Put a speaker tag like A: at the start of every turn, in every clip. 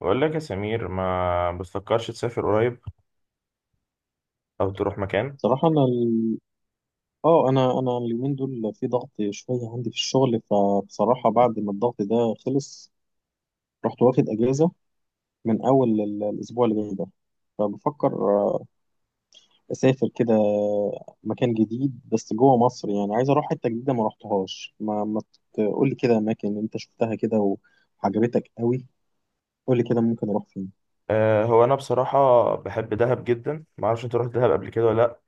A: بقول لك يا سمير ما بتفكرش تسافر قريب او تروح مكان.
B: صراحة أنا أنا اليومين دول في ضغط شوية عندي في الشغل، فبصراحة بعد ما الضغط ده خلص رحت واخد أجازة من أول الأسبوع اللي جاي ده. فبفكر أسافر كده مكان جديد، بس جوه مصر. يعني عايز أروح حتة جديدة ما رحتهاش. ما, ما تقول لي كده أماكن أنت شفتها كده وعجبتك قوي، قول لي كده ممكن أروح فين.
A: هو انا بصراحه بحب دهب جدا. ما اعرفش انت رحت دهب قبل كده ولا لا؟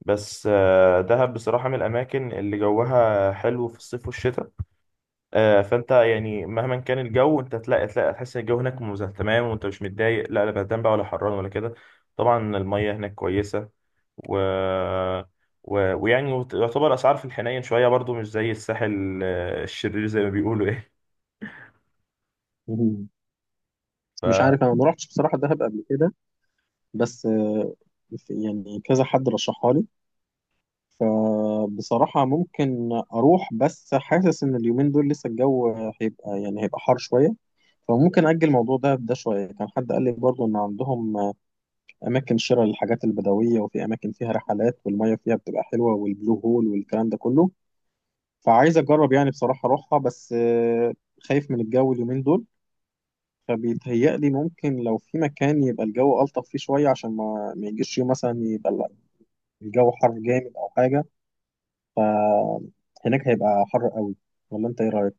A: بس دهب بصراحه من الاماكن اللي جوها حلو في الصيف والشتاء. فانت يعني مهما كان الجو انت تلاقي تحس ان الجو هناك تمام، وانت مش متضايق، لا لا، بردان بقى ولا حران ولا كده. طبعا الميه هناك كويسه، و و- ويعني يعتبر اسعار في الحنين شويه برضو مش زي الساحل، الشرير زي ما بيقولوا ايه.
B: مم. مش
A: ف
B: عارف، أنا ما رحتش بصراحة دهب قبل كده، بس يعني كذا حد رشحها لي. فبصراحة ممكن أروح، بس حاسس إن اليومين دول لسه الجو هيبقى يعني هيبقى حار شوية، فممكن أجل الموضوع ده شوية. كان حد قال لي برضه إن عندهم أماكن شراء للحاجات البدوية، وفي أماكن فيها رحلات، والمية فيها بتبقى حلوة، والبلو هول والكلام ده كله. فعايز أجرب يعني بصراحة أروحها، بس خايف من الجو اليومين دول. فبيتهيألي ممكن لو في مكان يبقى الجو ألطف فيه شوية، عشان ما يجيش يوم مثلا يبقى الجو حر جامد أو حاجة. فهناك هيبقى حر قوي، ولا انت ايه رايك؟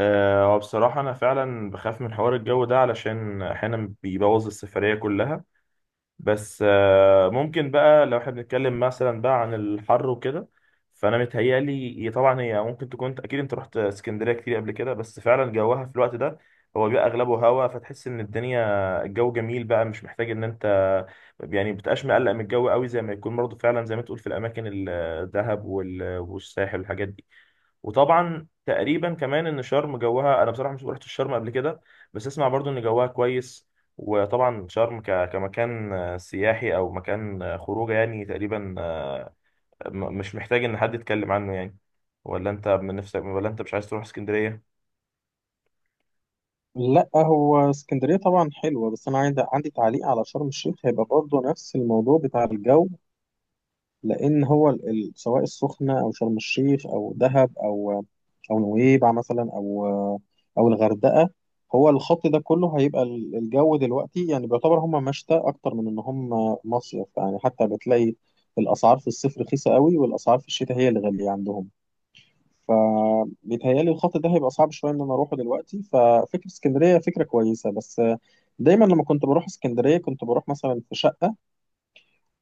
A: وبصراحة أنا فعلا بخاف من حوار الجو ده علشان أحيانا بيبوظ السفرية كلها. بس ممكن بقى لو احنا بنتكلم مثلا بقى عن الحر وكده، فأنا متهيألي هي طبعا هي ممكن تكون. أكيد أنت رحت اسكندرية كتير قبل كده، بس فعلا جوها في الوقت ده هو بيبقى أغلبه هوا، فتحس إن الدنيا الجو جميل بقى. مش محتاج إن أنت يعني بتبقاش مقلق من الجو قوي زي ما يكون برضه، فعلا زي ما تقول في الأماكن الدهب والساحل والحاجات دي. وطبعا تقريبا كمان ان شرم جوها، انا بصراحه مش رحت الشرم قبل كده بس اسمع برضو ان جوها كويس. وطبعا شرم كمكان سياحي او مكان خروجه يعني تقريبا، مش محتاج ان حد يتكلم عنه يعني. ولا انت من نفسك ولا انت مش عايز تروح اسكندريه؟
B: لا، هو اسكندريه طبعا حلوه، بس انا عندي تعليق على شرم الشيخ. هيبقى برضه نفس الموضوع بتاع الجو، لان هو سواء السخنه او شرم الشيخ او دهب او او نويبع مثلا او او الغردقه، هو الخط ده كله هيبقى الجو دلوقتي يعني بيعتبر هم مشتى اكتر من ان هم مصيف. يعني حتى بتلاقي الاسعار في الصيف رخيصه قوي، والاسعار في الشتاء هي اللي غاليه عندهم. فبيتهيألي الخط ده هيبقى صعب شوية إن أنا أروحه دلوقتي. ففكرة اسكندرية فكرة كويسة، بس دايما لما كنت بروح اسكندرية كنت بروح مثلا في شقة،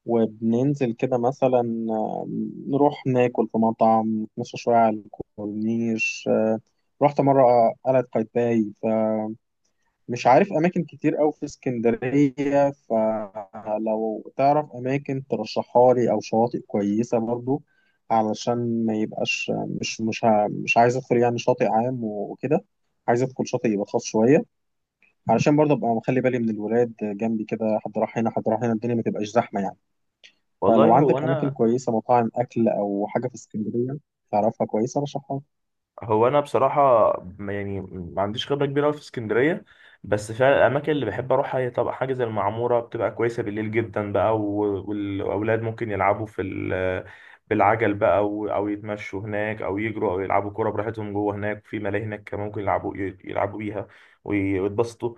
B: وبننزل كده مثلا، آه، نروح ناكل في مطعم، نتمشى شوية على الكورنيش. رحت مرة قلعة قايتباي. مش عارف اماكن كتير قوي في اسكندريه، فلو تعرف اماكن ترشحها لي او شواطئ كويسه برضو، علشان ما يبقاش... مش عايز ادخل يعني شاطئ عام وكده، عايز ادخل شاطئ يبقى خاص شويه، علشان برضو ابقى مخلي بالي من الولاد جنبي كده، حد راح هنا حد راح هنا، الدنيا ما تبقاش زحمه يعني. فلو
A: والله هو
B: عندك اماكن
A: انا،
B: كويسه، مطاعم اكل او حاجه في اسكندريه تعرفها كويسه، رشحها لي.
A: هو انا بصراحه، يعني ما عنديش خبره كبيره أوي في اسكندريه، بس فعلا الاماكن اللي بحب اروحها هي طبعا حاجه زي المعموره بتبقى كويسه بالليل جدا بقى، و- والاولاد ممكن يلعبوا في بالعجل بقى او أو يتمشوا هناك او يجروا او يلعبوا كوره براحتهم جوه هناك. في ملاهي هناك كمان ممكن يلعبوا يلعبوا بيها وي- ويتبسطوا.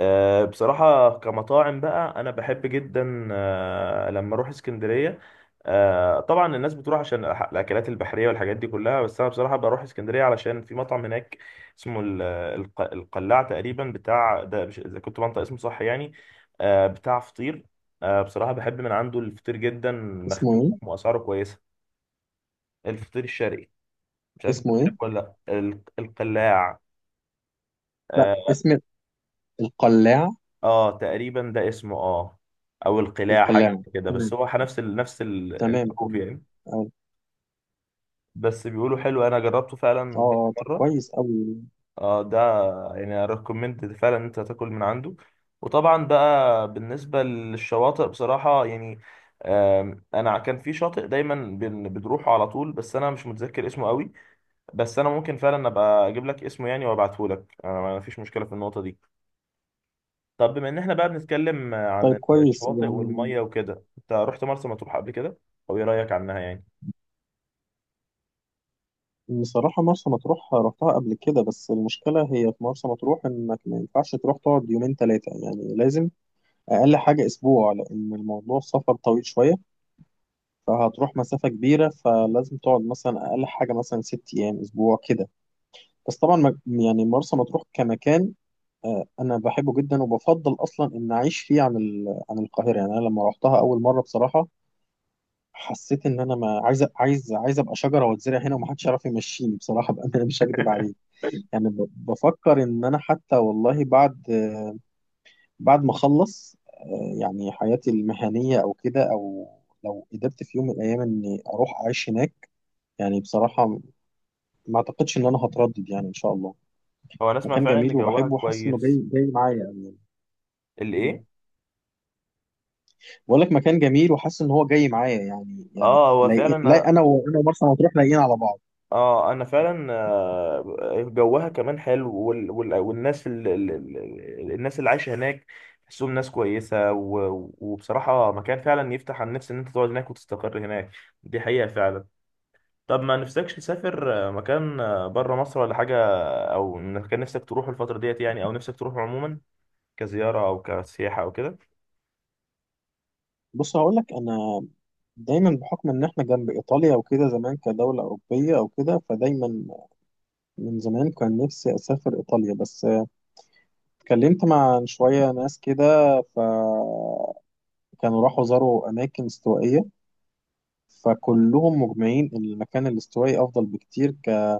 A: بصراحة كمطاعم بقى أنا بحب جدا لما أروح اسكندرية. طبعا الناس بتروح عشان الأكلات البحرية والحاجات دي كلها، بس أنا بصراحة بروح اسكندرية علشان في مطعم هناك اسمه القلاع تقريبا، بتاع ده مش إذا كنت بنطق اسمه صح يعني. بتاع فطير. بصراحة بحب من عنده الفطير جدا،
B: اسمه
A: مخدوم
B: ايه؟
A: وأسعاره كويسة. الفطير الشرقي. مش عارف أنت
B: اسمه ايه؟
A: بتحبه ولا لأ القلاع؟
B: لا،
A: آه،
B: اسم القلاع؟
A: اه تقريبا ده اسمه اه، او القلاع حاجه
B: القلاع،
A: كده، بس هو نفس
B: تمام
A: الحروف
B: تمام.
A: يعني.
B: اه.
A: بس بيقولوا حلو، انا جربته فعلا كذا
B: طب
A: مره.
B: كويس أوي.
A: اه ده يعني ريكومند فعلا ان انت تاكل من عنده. وطبعا بقى بالنسبه للشواطئ بصراحه يعني، انا كان في شاطئ دايما بنروحه على طول، بس انا مش متذكر اسمه قوي. بس انا ممكن فعلا ابقى اجيب لك اسمه يعني وابعته لك، انا ما فيش مشكله في النقطه دي. طب بما ان احنا بقى بنتكلم
B: طيب
A: عن
B: كويس
A: الشواطئ
B: يعني.
A: والميه وكده، انت رحت مرسى مطروح قبل كده؟ او ايه رايك عنها يعني؟
B: بصراحة مرسى مطروح رحتها قبل كده، بس المشكلة هي في مرسى مطروح إنك ما ينفعش تروح تقعد يومين تلاتة، يعني لازم أقل حاجة أسبوع، لأن الموضوع السفر طويل شوية، فهتروح مسافة كبيرة، فلازم تقعد مثلا أقل حاجة مثلا ست أيام أسبوع كده. بس طبعا يعني مرسى مطروح كمكان، أنا بحبه جدا، وبفضل أصلا إن أعيش فيه عن عن القاهرة. يعني أنا لما رحتها أول مرة بصراحة حسيت ان انا ما عايز عايز ابقى شجره واتزرع هنا ومحدش يعرف يمشيني بصراحه بقى انا مش هكدب عليك. يعني بفكر ان انا حتى والله بعد بعد ما اخلص يعني حياتي المهنيه او كده، او لو قدرت في يوم من الايام اني اروح اعيش هناك، يعني بصراحه ما اعتقدش ان انا هتردد يعني ان شاء الله.
A: هو انا اسمع
B: مكان
A: فعلا ان
B: جميل
A: جوها
B: وبحبه، وحاسس انه جاي
A: كويس.
B: جاي معايا أوي يعني. مم.
A: الايه؟
B: بقول لك مكان جميل، وحاسس ان هو جاي معايا يعني. يعني
A: اه هو فعلا،
B: لا، انا وانا ومرسى مطروح لايقين على بعض.
A: اه انا فعلا، جوها كمان حلو وال... وال... والناس الناس اللي عايشه هناك تحسهم ناس كويسه، و... وبصراحه مكان فعلا يفتح على النفس ان انت تقعد هناك وتستقر هناك. دي حقيقه فعلا. طب ما نفسكش تسافر مكان بره مصر ولا حاجه؟ او مكان نفسك تروحه الفتره ديت يعني، او نفسك تروحه عموما كزياره او كسياحه او كده؟
B: بص هقول لك، انا دايما بحكم ان احنا جنب ايطاليا وكده زمان كدوله اوروبيه او كده، فدايما من زمان كان نفسي اسافر ايطاليا. بس اتكلمت مع شويه ناس كده، فكانوا راحوا زاروا اماكن استوائيه، فكلهم مجمعين ان المكان الاستوائي افضل بكتير، ك...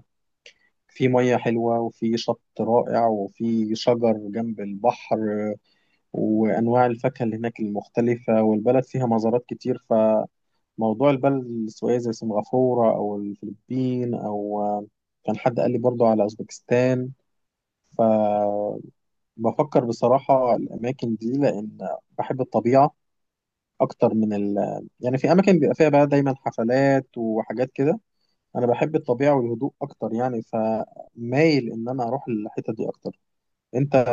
B: في ميه حلوه، وفي شط رائع، وفي شجر جنب البحر، وانواع الفاكهه اللي هناك المختلفه، والبلد فيها مزارات كتير. موضوع البلد السيوية زي سنغافورة أو الفلبين، أو كان حد قال لي برضو على أوزبكستان. فبفكر بصراحة الأماكن دي، لأن بحب الطبيعة أكتر من ال... يعني في أماكن بيبقى فيها بقى دايما حفلات وحاجات كده، أنا بحب الطبيعة والهدوء أكتر يعني، فمايل إن أنا أروح الحتة دي أكتر. أنت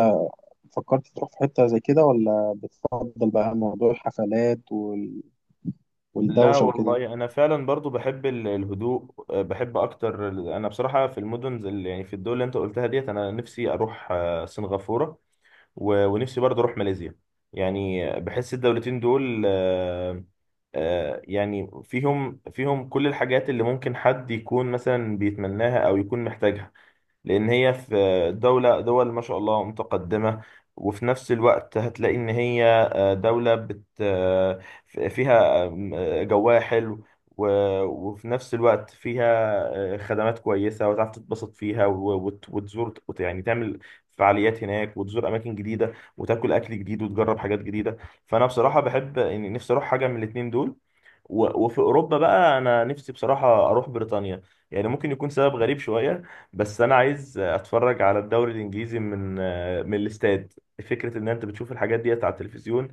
B: فكرت تروح في حتة زي كده، ولا بتفضل بقى موضوع الحفلات
A: لا
B: والدوشة وكده؟
A: والله انا فعلا برضو بحب الهدوء، بحب اكتر انا بصراحه في المدن زي يعني في الدول اللي انت قلتها ديت انا نفسي اروح سنغافوره، و- ونفسي برضو اروح ماليزيا. يعني بحس الدولتين دول يعني فيهم فيهم كل الحاجات اللي ممكن حد يكون مثلا بيتمناها او يكون محتاجها، لان هي في دولة دول ما شاء الله متقدمة. وفي نفس الوقت هتلاقي ان هي دولة بت آه، فيها جواها حلو، و- وفي نفس الوقت فيها خدمات كويسة، وتعرف تتبسط فيها و- وت- وتزور يعني تعمل فعاليات هناك وتزور أماكن جديدة، وتاكل أكل جديد وتجرب حاجات جديدة. فأنا بصراحة بحب يعني نفسي أروح حاجة من الاتنين دول. و- وفي اوروبا بقى انا نفسي بصراحه اروح بريطانيا. يعني ممكن يكون سبب غريب شويه، بس انا عايز اتفرج على الدوري الانجليزي من من الاستاد. فكره ان انت بتشوف الحاجات ديت على التلفزيون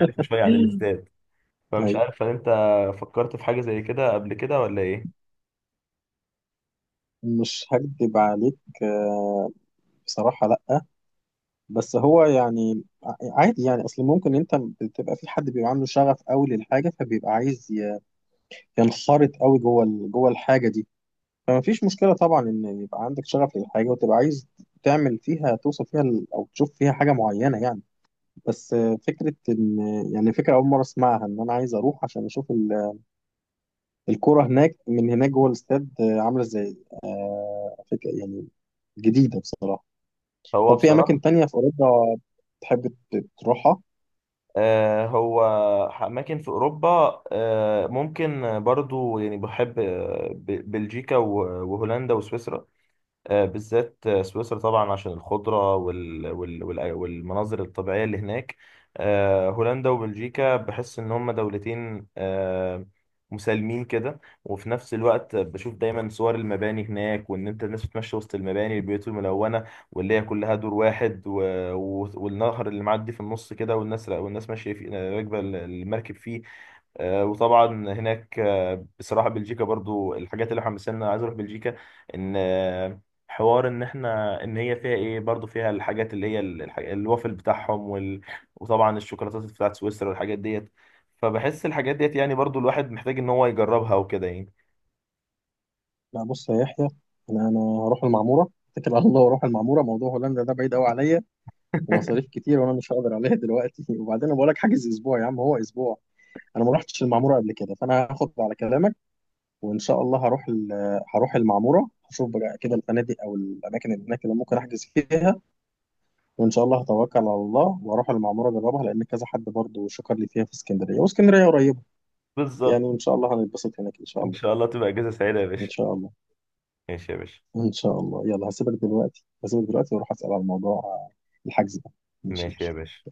A: مختلفه شويه عن الاستاد. فمش عارف هل انت فكرت في حاجه زي كده قبل كده ولا ايه؟
B: مش هكدب عليك، آه، بصراحة لأ. بس هو يعني عادي يعني، أصل ممكن أنت بتبقى في حد بيبقى عنده شغف قوي للحاجة، فبيبقى عايز ينخرط قوي جوه جوه الحاجة دي. فما فيش مشكلة طبعا إن يبقى عندك شغف للحاجة، وتبقى عايز تعمل فيها، توصل فيها أو تشوف فيها حاجة معينة يعني. بس فكرة إن يعني، فكرة أول مرة أسمعها إن أنا عايز أروح عشان أشوف الكورة هناك من هناك جوه الاستاد عاملة إزاي، فكرة يعني جديدة بصراحة.
A: هو
B: طب في اماكن
A: بصراحه
B: تانية في اوروبا تحب تروحها؟
A: هو اماكن في اوروبا، ممكن برضو يعني بحب بلجيكا و- وهولندا وسويسرا. بالذات سويسرا طبعا عشان الخضرة وال... وال... وال... والمناظر الطبيعية اللي هناك. هولندا وبلجيكا بحس إن هما دولتين مسالمين كده. وفي نفس الوقت بشوف دايما صور المباني هناك، وإن أنت الناس بتمشي وسط المباني، البيوت الملونة واللي هي كلها دور واحد، و... و... والنهر اللي معدي في النص كده، والناس والناس ماشية فيه، راكبة المركب فيه. وطبعا هناك، بصراحه بلجيكا برضو الحاجات اللي حمسنا عايز اروح بلجيكا ان حوار ان احنا ان هي فيها ايه، برضو فيها الحاجات اللي هي الوافل بتاعهم وال... وطبعا الشوكولاتات بتاعت سويسرا والحاجات ديت. فبحس الحاجات ديت يعني برضو الواحد محتاج ان هو يجربها وكده يعني.
B: لا، بص يا يحيى، انا هروح المعموره، اتكل على الله واروح المعموره. موضوع هولندا ده بعيد قوي عليا، ومصاريف كتير، وانا مش هقدر عليها دلوقتي. وبعدين انا بقول لك حاجز اسبوع يا عم، هو اسبوع. انا ما رحتش المعموره قبل كده، فانا هاخد على كلامك، وان شاء الله هروح هروح المعموره، هشوف بقى كده الفنادق او الاماكن اللي هناك اللي ممكن احجز فيها، وان شاء الله هتوكل على الله واروح المعموره اجربها، لان كذا حد برضه شكر لي فيها في اسكندريه، واسكندريه قريبه يعني.
A: بالظبط.
B: وان شاء الله هنتبسط هناك ان شاء
A: ان
B: الله.
A: شاء الله تبقى اجازه سعيده يا
B: ان
A: باشا.
B: شاء الله.
A: ماشي يا باشا.
B: ان شاء الله، يلا هسيبك دلوقتي، هسيبك دلوقتي واروح اسال على الموضوع الحجز ده. ماشي
A: ماشي يا
B: ماشي.
A: باشا.